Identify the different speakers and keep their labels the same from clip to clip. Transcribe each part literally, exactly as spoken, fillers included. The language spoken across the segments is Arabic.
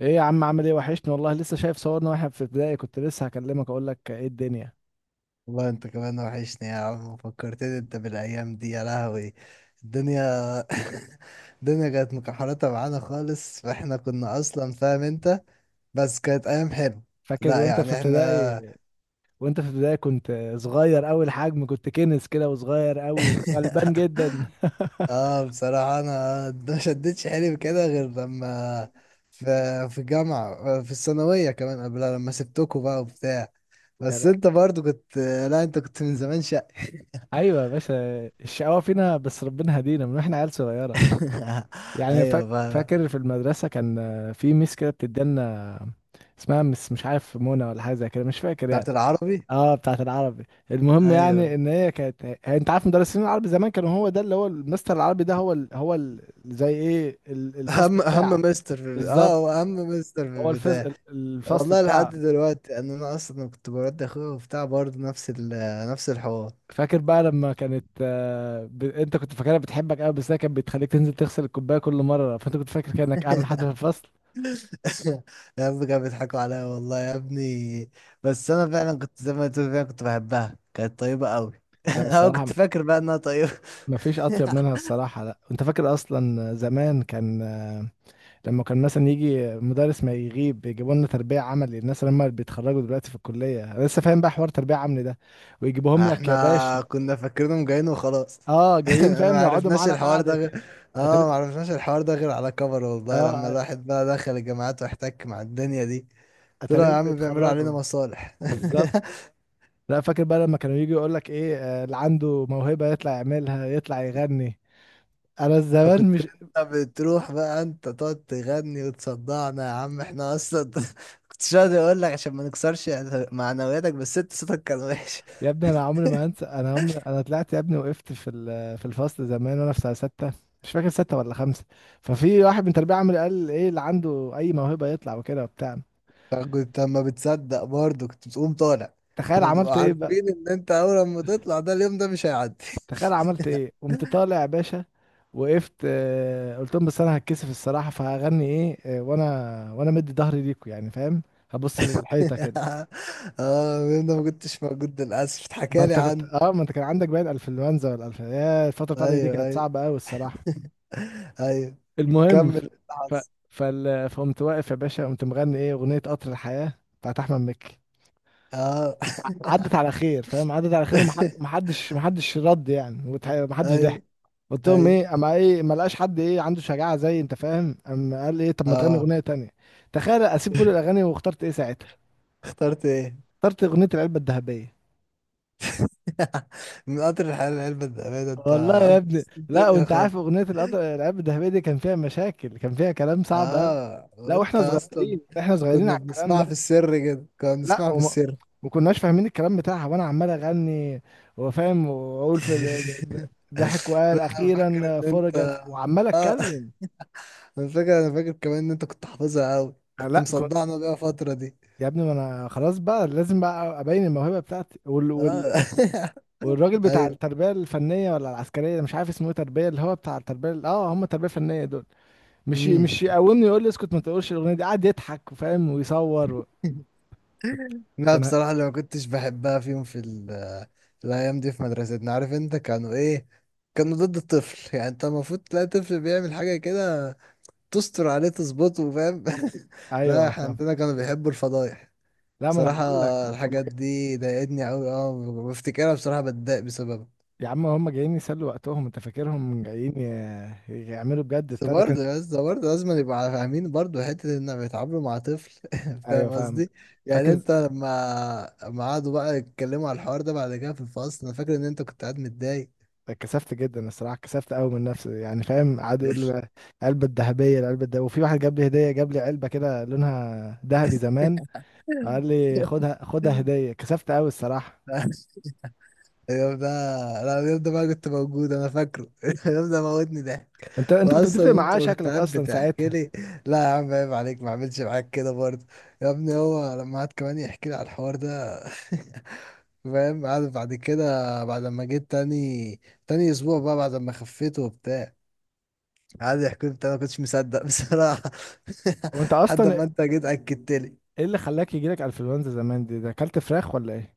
Speaker 1: ايه يا عم، عامل ايه؟ وحشني والله. لسه شايف صورنا واحنا في ابتدائي، كنت لسه هكلمك اقول لك ايه الدنيا.
Speaker 2: والله انت كمان وحشني يا عم، فكرتني انت بالايام دي، يا لهوي الدنيا. الدنيا كانت مكحرتة معانا خالص، فاحنا كنا اصلا فاهم انت. بس كانت ايام حلوه.
Speaker 1: فاكر
Speaker 2: لا
Speaker 1: وانت في
Speaker 2: يعني
Speaker 1: ابتدائي؟
Speaker 2: احنا.
Speaker 1: وانت في ابتدائي كنت صغير قوي الحجم، كنت كنس كده وصغير قوي وغلبان جدا.
Speaker 2: اه بصراحه انا ما شدتش حيلي كده غير لما في في الجامعه، في الثانويه كمان قبلها لما سبتكوا بقى وبتاع.
Speaker 1: يعني
Speaker 2: بس انت برضو كنت. لا، انت كنت من زمان شقي.
Speaker 1: ايوه يا باشا. الشقاوة فينا، بس ربنا هدينا من واحنا عيال صغيرة. يعني فا-
Speaker 2: ايوه بقى.
Speaker 1: فاكر في المدرسة كان في ميس كده بتدينا، اسمها مس مش عارف منى ولا حاجة زي كده، مش فاكر
Speaker 2: بتاعت
Speaker 1: يعني.
Speaker 2: العربي.
Speaker 1: اه، بتاعت العربي. المهم
Speaker 2: ايوه،
Speaker 1: يعني ان هي كانت هي- انت عارف مدرسين العربي زمان كانوا هو ده اللي هو المستر العربي ده هو ال... هو ال... زي ايه ال- الفصل
Speaker 2: اهم اهم
Speaker 1: بتاعه.
Speaker 2: مستر في، اه هو
Speaker 1: بالظبط.
Speaker 2: اهم مستر في
Speaker 1: هو الفص...
Speaker 2: البتاع.
Speaker 1: ال- الفصل
Speaker 2: والله لحد
Speaker 1: بتاعه.
Speaker 2: دلوقتي ان انا اصلا كنت برد اخويا وبتاع برضه نفس ال نفس الحوار.
Speaker 1: فاكر بقى لما كانت آه، ب... انت كنت فاكرها بتحبك قوي، بس هي كانت بتخليك تنزل تغسل الكوبايه كل مره، فانت كنت فاكر كانك اهم حد في الفصل.
Speaker 2: يا ابني كانوا بيضحكوا عليا والله يا ابني. بس انا فعلا كنت زي ما تقول، فعلا كنت بحبها، كانت طيبة قوي.
Speaker 1: لا
Speaker 2: انا
Speaker 1: الصراحه،
Speaker 2: كنت فاكر بقى انها طيبة.
Speaker 1: ما فيش اطيب منها الصراحه. لا انت فاكر اصلا زمان كان لما كان مثلا يجي مدرس ما يغيب، يجيبوا لنا تربية عملي؟ الناس لما بيتخرجوا دلوقتي في الكلية، أنا لسه فاهم بقى حوار تربية عملي ده. ويجيبوهم لك
Speaker 2: احنا
Speaker 1: يا باشا.
Speaker 2: كنا فاكرينهم جايين وخلاص.
Speaker 1: اه جايين
Speaker 2: انا ما
Speaker 1: فاهم، يقعدوا
Speaker 2: عرفناش
Speaker 1: معانا
Speaker 2: الحوار
Speaker 1: قاعدة
Speaker 2: ده
Speaker 1: كده.
Speaker 2: غير.
Speaker 1: أتاري...
Speaker 2: اه، ما عرفناش الحوار ده غير على كبر والله، لما
Speaker 1: اه،
Speaker 2: الواحد بقى دخل الجامعات واحتك مع الدنيا دي. طلعوا يا
Speaker 1: اتاريهم
Speaker 2: عم بيعملوا علينا
Speaker 1: بيتخرجوا.
Speaker 2: مصالح.
Speaker 1: بالظبط. لا فاكر بقى لما كانوا يجي يقول لك ايه آه، اللي عنده موهبة يطلع يعملها، يطلع يغني. انا زمان،
Speaker 2: فكنت انت بتروح بقى انت تقعد تغني وتصدعنا يا عم، احنا اصلا. كنتش راضي اقول لك عشان ما نكسرش معنوياتك، بس انت صوتك كان وحش.
Speaker 1: يا ابني انا عمري ما هنسى، انا عمري انا طلعت يا ابني، وقفت في ال- في الفصل زمان وانا في سنه سته، مش فاكر سته ولا خمسه. ففي واحد من تربيه عامل قال ايه، اللي عنده اي موهبه يطلع وكده وبتاع.
Speaker 2: فكنت اما بتصدق برضه كنت بتقوم طالع.
Speaker 1: تخيل
Speaker 2: احنا
Speaker 1: عملت
Speaker 2: بنبقى
Speaker 1: ايه بقى؟
Speaker 2: عارفين ان انت اول ما تطلع ده، اليوم ده مش هيعدي.
Speaker 1: تخيل عملت ايه، قمت طالع يا باشا. وقفت، آه، قلت لهم بس انا هتكسف الصراحه، فهغني ايه، آه، وانا وانا مدي ظهري ليكوا يعني فاهم، هبص للحيطه كده.
Speaker 2: اه، انا ما كنتش موجود للاسف،
Speaker 1: ما
Speaker 2: اتحكى لي
Speaker 1: انت كنت
Speaker 2: عنه.
Speaker 1: اه، ما انت كان عندك باين انفلونزا ولا الف يا، الفتره بتاعتك دي
Speaker 2: ايوه
Speaker 1: كانت
Speaker 2: ايوه.
Speaker 1: صعبه قوي الصراحه.
Speaker 2: ايوه.
Speaker 1: المهم
Speaker 2: كمل
Speaker 1: ف...
Speaker 2: الحظ.
Speaker 1: فال... فقمت واقف يا باشا، قمت مغني ايه؟ اغنيه قطر الحياه بتاعت احمد مكي.
Speaker 2: اه.
Speaker 1: ع- عدت على خير فاهم، عدت على خير، ومح- ومحدش محدش رد يعني، وتح- ومحدش ضحك.
Speaker 2: ايوه
Speaker 1: قلت لهم
Speaker 2: ايوه.
Speaker 1: ايه، اما ايه ما لقاش حد ايه عنده شجاعه زي انت فاهم، اما قال ايه طب ما تغني
Speaker 2: اه.
Speaker 1: اغنيه تانية. تخيل اسيب كل الاغاني واخترت ايه ساعتها؟
Speaker 2: اخترت ايه.
Speaker 1: اخترت اغنيه العلبه الذهبيه.
Speaker 2: من قطر الحياة لعلبة الأمانة انت.
Speaker 1: والله يا ابني،
Speaker 2: بص
Speaker 1: لا
Speaker 2: الدنيا
Speaker 1: وانت عارف
Speaker 2: خالص.
Speaker 1: اغنيه القطر- العلبه الذهبيه دي كان فيها مشاكل، كان فيها كلام صعب أوي.
Speaker 2: اه
Speaker 1: لا
Speaker 2: وانت
Speaker 1: واحنا
Speaker 2: اصلا
Speaker 1: صغيرين، احنا صغيرين
Speaker 2: كنا
Speaker 1: على الكلام
Speaker 2: بنسمعها في
Speaker 1: ده.
Speaker 2: السر كده، كنا
Speaker 1: لا
Speaker 2: بنسمعها في
Speaker 1: وما
Speaker 2: السر.
Speaker 1: ما كناش فاهمين الكلام بتاعها، وانا عمال اغني وفاهم واقول في ال- ضحك وقال
Speaker 2: انا فاكر
Speaker 1: اخيرا
Speaker 2: ان انت.
Speaker 1: فرجت، وعمال
Speaker 2: اه.
Speaker 1: اتكلم.
Speaker 2: انا فاكر، انا فاكر كمان ان انت كنت حافظها قوي،
Speaker 1: أنا
Speaker 2: كنت
Speaker 1: لا كنت
Speaker 2: مصدعنا بيها فترة دي.
Speaker 1: يا ابني، ما انا خلاص بقى لازم بقى ابين الموهبه بتاعتي وال... وال...
Speaker 2: آه.
Speaker 1: والراجل بتاع
Speaker 2: ايوه.
Speaker 1: التربيه الفنيه ولا العسكريه، مش عارف اسمه ايه، تربيه اللي هو بتاع التربيه ال- اه هم التربيه الفنيه دول. مش
Speaker 2: امم.
Speaker 1: مش يقومني يقول لي اسكت ما تقولش الاغنيه دي، قعد يضحك وفاهم ويصور و...
Speaker 2: لا
Speaker 1: كان
Speaker 2: بصراحة اللي ما كنتش بحبها فيهم في, ال- في الأيام دي في مدرستنا، عارف أنت كانوا إيه؟ كانوا ضد الطفل. يعني أنت المفروض تلاقي طفل بيعمل حاجة كده تستر عليه، تظبطه، فاهم. لا،
Speaker 1: ايوه
Speaker 2: إحنا
Speaker 1: فاهم.
Speaker 2: عندنا كانوا بيحبوا الفضايح.
Speaker 1: لا ما انا
Speaker 2: بصراحة
Speaker 1: هقول لك،
Speaker 2: الحاجات دي ضايقتني أوي، أه بفتكرها بصراحة بتضايق بسببها.
Speaker 1: يا عم هم جايين يسلوا وقتهم، انت فاكرهم جايين ي- يعملوا بجد؟
Speaker 2: بس
Speaker 1: بتاع ده كان.
Speaker 2: برضه يا اسطى برضه لازم يبقى فاهمين برضه حتة إن بيتعاملوا مع طفل.
Speaker 1: ايوه
Speaker 2: فاهم
Speaker 1: فاهم.
Speaker 2: قصدي؟ يعني
Speaker 1: فاكر،
Speaker 2: أنت لما لما قعدوا بقى يتكلموا على الحوار ده بعد كده في الفصل، أنا فاكر إن أنت كنت قاعد متضايق.
Speaker 1: اتكسفت جدا الصراحه، اتكسفت قوي من نفسي يعني فاهم، قعدوا يقولوا لي العلبه الذهبيه العلبه الذهبيه، وفي واحد جاب لي هديه، جاب لي علبه كده لونها ذهبي زمان، قال لي خدها خدها هديه. اتكسفت قوي الصراحه.
Speaker 2: اليوم ده. لا اليوم ده بقى كنت موجود أنا، فاكره. اليوم ده موتني ضحك.
Speaker 1: انت انت كنت بتفرق
Speaker 2: وأصلا أنت
Speaker 1: معاه
Speaker 2: كنت
Speaker 1: شكلك
Speaker 2: قاعد
Speaker 1: اصلا
Speaker 2: بتحكي
Speaker 1: ساعتها.
Speaker 2: لي. لا يا عم عيب عليك، ما عملش معاك كده برضه. يا ابني هو لما قعد كمان يحكي لي على الحوار ده. فاهم، عارف بعد كده، بعد ما جيت تاني، تاني اسبوع بقى بعد ما خفيت وبتاع، قعد يحكي لي بتاع، انا ما كنتش مصدق بصراحه.
Speaker 1: وانت
Speaker 2: لحد
Speaker 1: اصلا
Speaker 2: ما انت جيت اكدت لي.
Speaker 1: ايه اللي خلاك يجيلك انفلونزا زمان دي؟ ده اكلت فراخ ولا ايه؟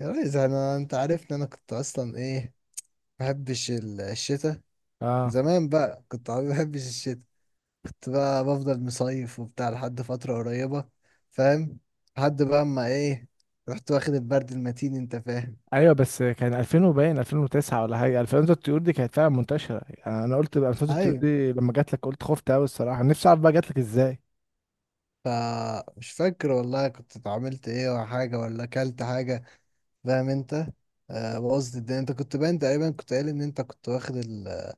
Speaker 2: يا ريس انا، انت عارفني انا كنت اصلا ايه، ما بحبش ال- الشتاء.
Speaker 1: اه
Speaker 2: زمان بقى كنت ما بحبش الشتاء، كنت بقى بفضل مصيف وبتاع لحد فتره قريبه، فاهم. لحد بقى اما ايه رحت واخد البرد المتين انت فاهم.
Speaker 1: ايوه، بس كان ألفين وباين ألفين وتسعة ولا حاجه، ألفين الطيور دي كانت فعلا منتشره يعني، انا قلت بقى ألفين الطيور
Speaker 2: ايوه.
Speaker 1: دي لما جات لك، قلت خفت قوي الصراحه، نفسي اعرف بقى جات لك ازاي.
Speaker 2: فمش فاكر والله كنت اتعاملت ايه ولا حاجة، ولا اكلت حاجة، فاهم انت. آه، بوظت الدنيا، انت كنت باين تقريبا كنت قايل ان انت كنت واخد ال-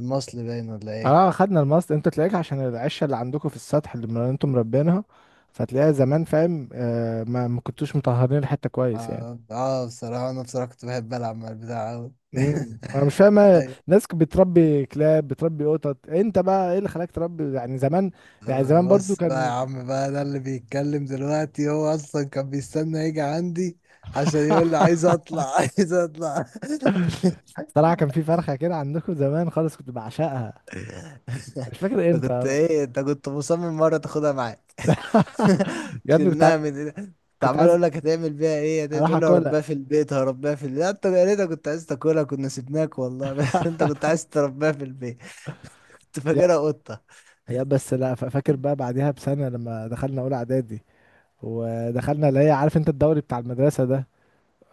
Speaker 2: المصل باين ولا ايه.
Speaker 1: اه خدنا المصل، انت تلاقيك عشان العشه اللي عندكم في السطح اللي من- انتم مربينها، فتلاقيها زمان فاهم، آه ما ما كنتوش مطهرين الحته كويس يعني.
Speaker 2: اه، آه، بصراحة انا بصراحة كنت بحب العب مع البتاع اوي.
Speaker 1: امم انا مش فاهم، آه،
Speaker 2: أيوة.
Speaker 1: ناس بتربي كلاب، بتربي قطط، انت بقى ايه اللي خلاك تربي يعني زمان؟ يعني
Speaker 2: آه،
Speaker 1: زمان برضو
Speaker 2: بس بقى يا
Speaker 1: كان.
Speaker 2: عم بقى ده اللي بيتكلم دلوقتي هو اصلا كان بيستنى يجي عندي عشان يقول لي عايز اطلع. عايز اطلع.
Speaker 1: صراحه كان في فرخه كده عندكم زمان خالص كنت بعشقها، مش فاكر
Speaker 2: انت كنت
Speaker 1: امتى.
Speaker 2: ايه، انت كنت مصمم مرة تاخدها معاك.
Speaker 1: يا ابني كنت ع-
Speaker 2: شلناها من ايدك. كنت
Speaker 1: كنت
Speaker 2: عمال
Speaker 1: عايز
Speaker 2: اقول لك هتعمل بيها ايه، هتقول
Speaker 1: اروح
Speaker 2: تقول لي
Speaker 1: اكلها.
Speaker 2: هربيها في البيت، هربيها في البيت. لا، انت يا ريتك كنت عايز تاكلها، كنا سيبناك والله. بس انت كنت عايز تربيها في البيت. كنت
Speaker 1: يا
Speaker 2: فاكرها قطة.
Speaker 1: يا بس لا ف- فاكر بقى بعديها بسنه لما دخلنا اولى اعدادي، ودخلنا اللي هي عارف انت الدوري بتاع المدرسه ده.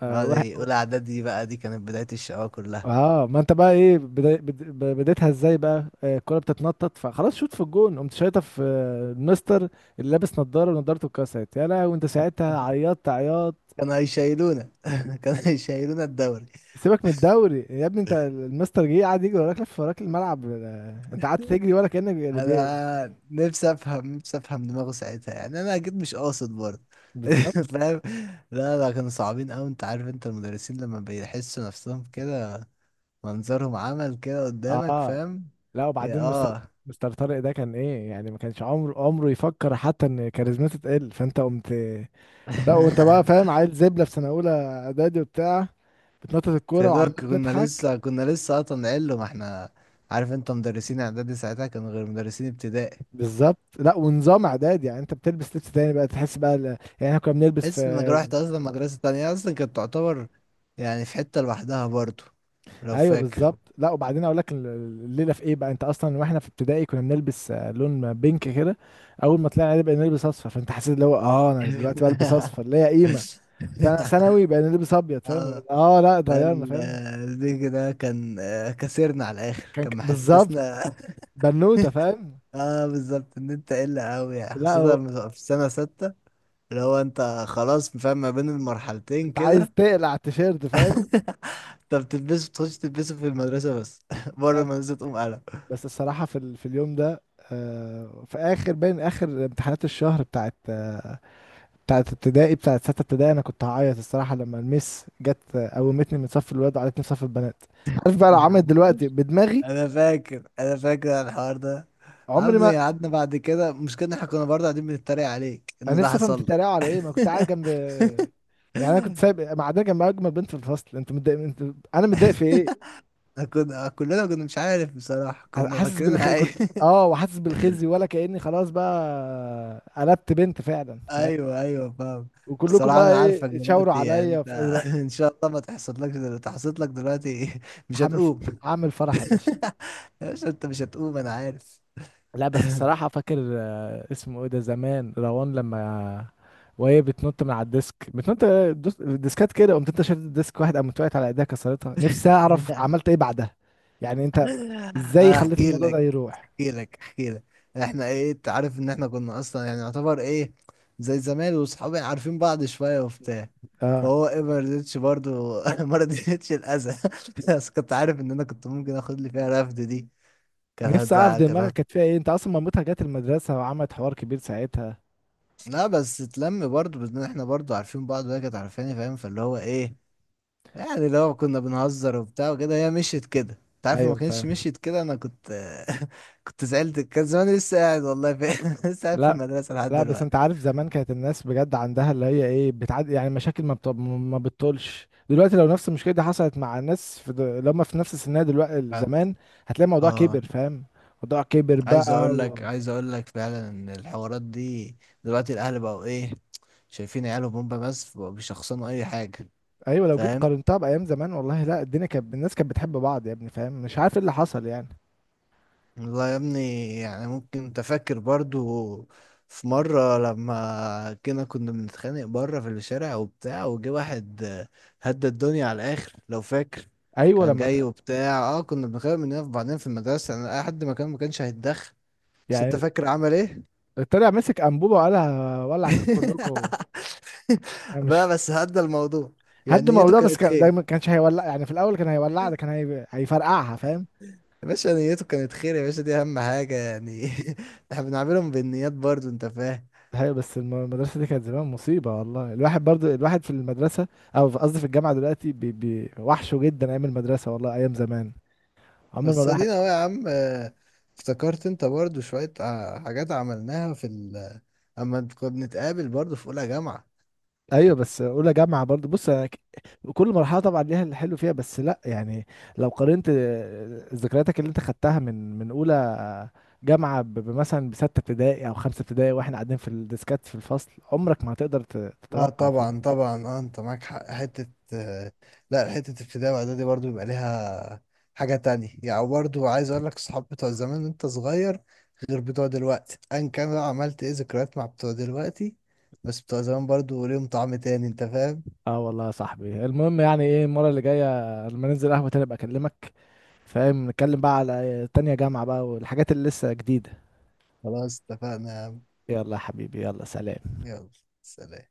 Speaker 1: اه
Speaker 2: اه
Speaker 1: واحد-
Speaker 2: دي اولى اعدادي بقى، دي كانت بداية الشقاوة كلها.
Speaker 1: آه، ما انت بقى ايه بدا- بد- ب- بديتها ازاي بقى، آه، الكوره بتتنطط فخلاص شوت في الجون، قمت شايطه في آه، المستر اللي لابس نضاره، ونضارته اتكسرت يا لهوي، وانت ساعتها عيطت عياط.
Speaker 2: كانوا هيشيلونا. كانوا هيشيلونا الدوري.
Speaker 1: سيبك من الدوري يا ابني، انت المستر جه قعد يجري وراك، لف وراك الملعب، آه، انت قعدت تجري ولا كانك، بي-
Speaker 2: انا نفسي افهم، نفسي افهم دماغه ساعتها، يعني انا اكيد مش قاصد برضه.
Speaker 1: بالظبط.
Speaker 2: فاهم. لا لا، كانوا صعبين قوي، انت عارف انت المدرسين لما بيحسوا نفسهم كده منظرهم عمل كده قدامك
Speaker 1: اه
Speaker 2: فاهم.
Speaker 1: لا
Speaker 2: يا
Speaker 1: وبعدين مستر
Speaker 2: اه.
Speaker 1: مستر طارق ده كان ايه يعني؟ ما كانش عمره عمره يفكر حتى ان كاريزمته تقل، فانت قمت. لا وانت بقى فاهم عيل زبله في سنه اولى اعدادي وبتاع، بتنطط
Speaker 2: يا
Speaker 1: الكوره
Speaker 2: دوب
Speaker 1: وعمال
Speaker 2: كنا
Speaker 1: تضحك.
Speaker 2: لسه، كنا لسه اصلا علو ما احنا، عارف انت مدرسين اعدادي ساعتها كانوا غير مدرسين ابتدائي.
Speaker 1: بالظبط. لا ونظام اعدادي يعني، انت بتلبس لبس تاني بقى، تحس بقى ال... يعني احنا كنا بنلبس في،
Speaker 2: تحس انك رحت اصلا مدرسة تانية، اصلا كانت تعتبر يعني في حتة لوحدها برضه، لو
Speaker 1: ايوه
Speaker 2: فاكر.
Speaker 1: بالظبط. لا وبعدين اقول لك ال- الليله في ايه بقى، انت اصلا واحنا في ابتدائي كنا بنلبس آه، لون بينك كده، اول ما طلعنا بقى نلبس اصفر فانت حسيت اللي هو اه انا دلوقتي بلبس اصفر ليا قيمه. لا، ثانوي بقى نلبس ابيض فاهم،
Speaker 2: اه.
Speaker 1: اه لا
Speaker 2: ده
Speaker 1: اتغيرنا
Speaker 2: ال-
Speaker 1: فاهم.
Speaker 2: البيج ده كان آه، كسرنا على الاخر،
Speaker 1: كان
Speaker 2: كان
Speaker 1: ك- بالظبط.
Speaker 2: محسسنا.
Speaker 1: بنوته فاهم.
Speaker 2: اه بالظبط ان انت قلة قوي، يعني
Speaker 1: لا
Speaker 2: خاصة
Speaker 1: هو-
Speaker 2: لما تبقى في سنة ستة، اللي هو انت خلاص فاهم ما بين المرحلتين
Speaker 1: انت عايز
Speaker 2: كده.
Speaker 1: تقلع التيشيرت فاهم.
Speaker 2: انت بتلبسه، بتخش تلبسه في المدرسة بس. بره
Speaker 1: لا ب-
Speaker 2: المدرسة تقوم قلم.
Speaker 1: بس الصراحه في ال... في اليوم ده، آه في اخر باين اخر امتحانات الشهر بتاعت آه بتاعت ابتدائي، بتاعت سته ابتدائي، انا كنت هعيط الصراحه لما المس جت آه، قومتني من صف الولاد وقعدتني في صف البنات. عارف بقى لو عملت دلوقتي بدماغي؟
Speaker 2: انا فاكر، انا فاكر على الحوار ده.
Speaker 1: عمري
Speaker 2: عامل
Speaker 1: ما.
Speaker 2: ايه، قعدنا بعد كده مشكلة إن احنا كنا برضه قاعدين بنتريق عليك
Speaker 1: انا
Speaker 2: ان ده
Speaker 1: نفسي افهم
Speaker 2: حصل لك.
Speaker 1: بتتريقوا على ايه، ما كنت قاعد جنب يعني، انا كنت سايب معديه جنب اجمل بنت في الفصل. انت متضايق؟ انت، انا متضايق في ايه؟
Speaker 2: كنا كلنا كنا، مش عارف بصراحة كنا
Speaker 1: حاسس
Speaker 2: فاكرينها
Speaker 1: بالخي
Speaker 2: أي...
Speaker 1: كنت، اه وحاسس بالخزي، ولا كاني خلاص بقى قلبت بنت فعلا فاهم.
Speaker 2: أيوه أيوه فاهم.
Speaker 1: وكلكم
Speaker 2: بصراحة
Speaker 1: بقى
Speaker 2: أنا عارفك
Speaker 1: ايه تشاوروا
Speaker 2: دلوقتي، يعني
Speaker 1: عليا
Speaker 2: أنت،
Speaker 1: في-
Speaker 2: إن شاء الله ما تحصل لك دلوقتي، تحصل لك دلوقتي مش
Speaker 1: هعمل،
Speaker 2: هتقوم.
Speaker 1: هعمل فرح يا باشا.
Speaker 2: يا باشا أنت مش هتقوم أنا عارف.
Speaker 1: لا بس الصراحة فاكر آه، اسمه ايه ده زمان، روان لما، وهي بتنط من على الديسك بتنط، دوس- الديسكات كده، قمت انت شلت الديسك واحد، قامت وقعت على ايديها كسرتها. نفسي اعرف عملت ايه بعدها يعني، انت ازاي خليت
Speaker 2: أحكي
Speaker 1: الموضوع ده
Speaker 2: لك
Speaker 1: يروح؟
Speaker 2: أحكي لك أحكي لك إحنا إيه، أنت عارف إن إحنا كنا أصلا يعني يعتبر إيه، زي زمان وصحابي عارفين بعض شوية وبتاع.
Speaker 1: اه،
Speaker 2: فهو ايه ما رضيتش برضه. ما رضيتش الاذى. بس كنت عارف ان انا كنت ممكن اخد لي فيها رفد دي، كانت
Speaker 1: نفسي اعرف
Speaker 2: هتزعق، كانت
Speaker 1: دماغك
Speaker 2: هت...
Speaker 1: كانت فيها ايه، انت اصلا مامتها جت المدرسة وعملت حوار كبير ساعتها.
Speaker 2: لا بس اتلم برضه بان احنا برضه عارفين بعض، وهي كانت عارفاني فاهم، فاللي هو ايه يعني، لو كنا بنهزر وبتاع وكده هي مشيت كده، انت عارف لو ما
Speaker 1: ايوه
Speaker 2: كانتش
Speaker 1: فاهم.
Speaker 2: مشيت كده انا كنت. كنت زعلت، كان زماني لسه قاعد والله في... لسه قاعد في
Speaker 1: لا
Speaker 2: المدرسة لحد
Speaker 1: لا بس
Speaker 2: دلوقتي.
Speaker 1: انت عارف زمان كانت الناس بجد عندها اللي هي ايه، بتعد يعني مشاكل ما بت... ما بتطولش دلوقتي، لو نفس المشكله دي حصلت مع الناس في د... اللي هم في نفس سنها دلوقتي
Speaker 2: بعد-
Speaker 1: زمان، هتلاقي الموضوع
Speaker 2: اه
Speaker 1: كبر فاهم. الموضوع كبر
Speaker 2: عايز
Speaker 1: بقى
Speaker 2: اقول
Speaker 1: و...
Speaker 2: لك، عايز اقول لك فعلا ان الحوارات دي دلوقتي الاهل بقوا ايه شايفين عيالهم، هم بس بيشخصنوا اي حاجة،
Speaker 1: ايوه، لو جيت
Speaker 2: فاهم.
Speaker 1: قارنتها بايام زمان، والله لا الدنيا كانت الناس كانت بتحب بعض يا ابني فاهم، مش عارف ايه اللي حصل يعني.
Speaker 2: والله يا ابني، يعني ممكن تفكر برضو في مرة لما كنا، كنا بنتخانق بره في الشارع وبتاع وجه واحد آه، هدى الدنيا على الآخر، لو فاكر.
Speaker 1: ايوه
Speaker 2: كان
Speaker 1: لما ت...
Speaker 2: جاي وبتاع اه كنا بنخانق مننا في بعضنا في المدرسة انا، لحد ما كان، ما كانش هيتدخل. بس انت
Speaker 1: يعني
Speaker 2: فاكر عمل ايه؟
Speaker 1: طلع مسك انبوبه وقالها ولع فيك كلكم. انا مش.
Speaker 2: بقى بس هدى الموضوع، يعني
Speaker 1: هد
Speaker 2: نيته
Speaker 1: الموضوع بس،
Speaker 2: كانت
Speaker 1: كان
Speaker 2: خير.
Speaker 1: دايما كانش هيولع يعني، في الاول كان هيولع ده كان هي... هيفرقعها فاهم.
Speaker 2: يا باشا نيته كانت خير، يا باشا دي اهم حاجة يعني. احنا بنعملهم بالنيات برضو انت فاهم.
Speaker 1: هي بس الم- المدرسة دي كانت زمان مصيبة والله، الواحد برضو الواحد في المدرسة أو في- قصدي في الجامعة دلوقتي، بي بي وحشه جدا أيام المدرسة، والله أيام زمان عمر ما
Speaker 2: بس
Speaker 1: الواحد.
Speaker 2: ادينا اهو يا عم، آه، افتكرت انت برضو شوية آه، حاجات عملناها في ال اما كنا بنتقابل برضو في اولى جامعة.
Speaker 1: أيوة بس أولى جامعة برضو بص، أنا ك- كل مرحلة طبعا ليها اللي حلو فيها، بس لأ يعني لو قارنت آه، ذكرياتك اللي أنت خدتها من من أولى جامعة ب- بمثلا بستة ابتدائي أو خمسة ابتدائي وإحنا قاعدين في الديسكات في الفصل، عمرك ما هتقدر ت-
Speaker 2: لا
Speaker 1: تتوقع فاهم.
Speaker 2: طبعا طبعا، اه انت معاك حق حتة آه، لا حتة ابتدائي واعدادي برضو بيبقى ليها حاجة تانية. يعني برضو عايز اقول لك صحاب بتوع زمان وانت صغير غير بتوع دلوقتي، ان كان بقى عملت ايه ذكريات مع بتوع دلوقتي، بس بتوع زمان برضو ليهم طعم تاني انت فاهم.
Speaker 1: اه والله يا صاحبي، المهم يعني ايه، المرة اللي جاية لما ننزل قهوة تاني ابقى اكلمك فاهم، نتكلم بقى على تانية جامعة بقى والحاجات اللي لسه جديدة.
Speaker 2: خلاص اتفقنا يا عم.
Speaker 1: يلا يا حبيبي، يلا سلام.
Speaker 2: يلا، سلام.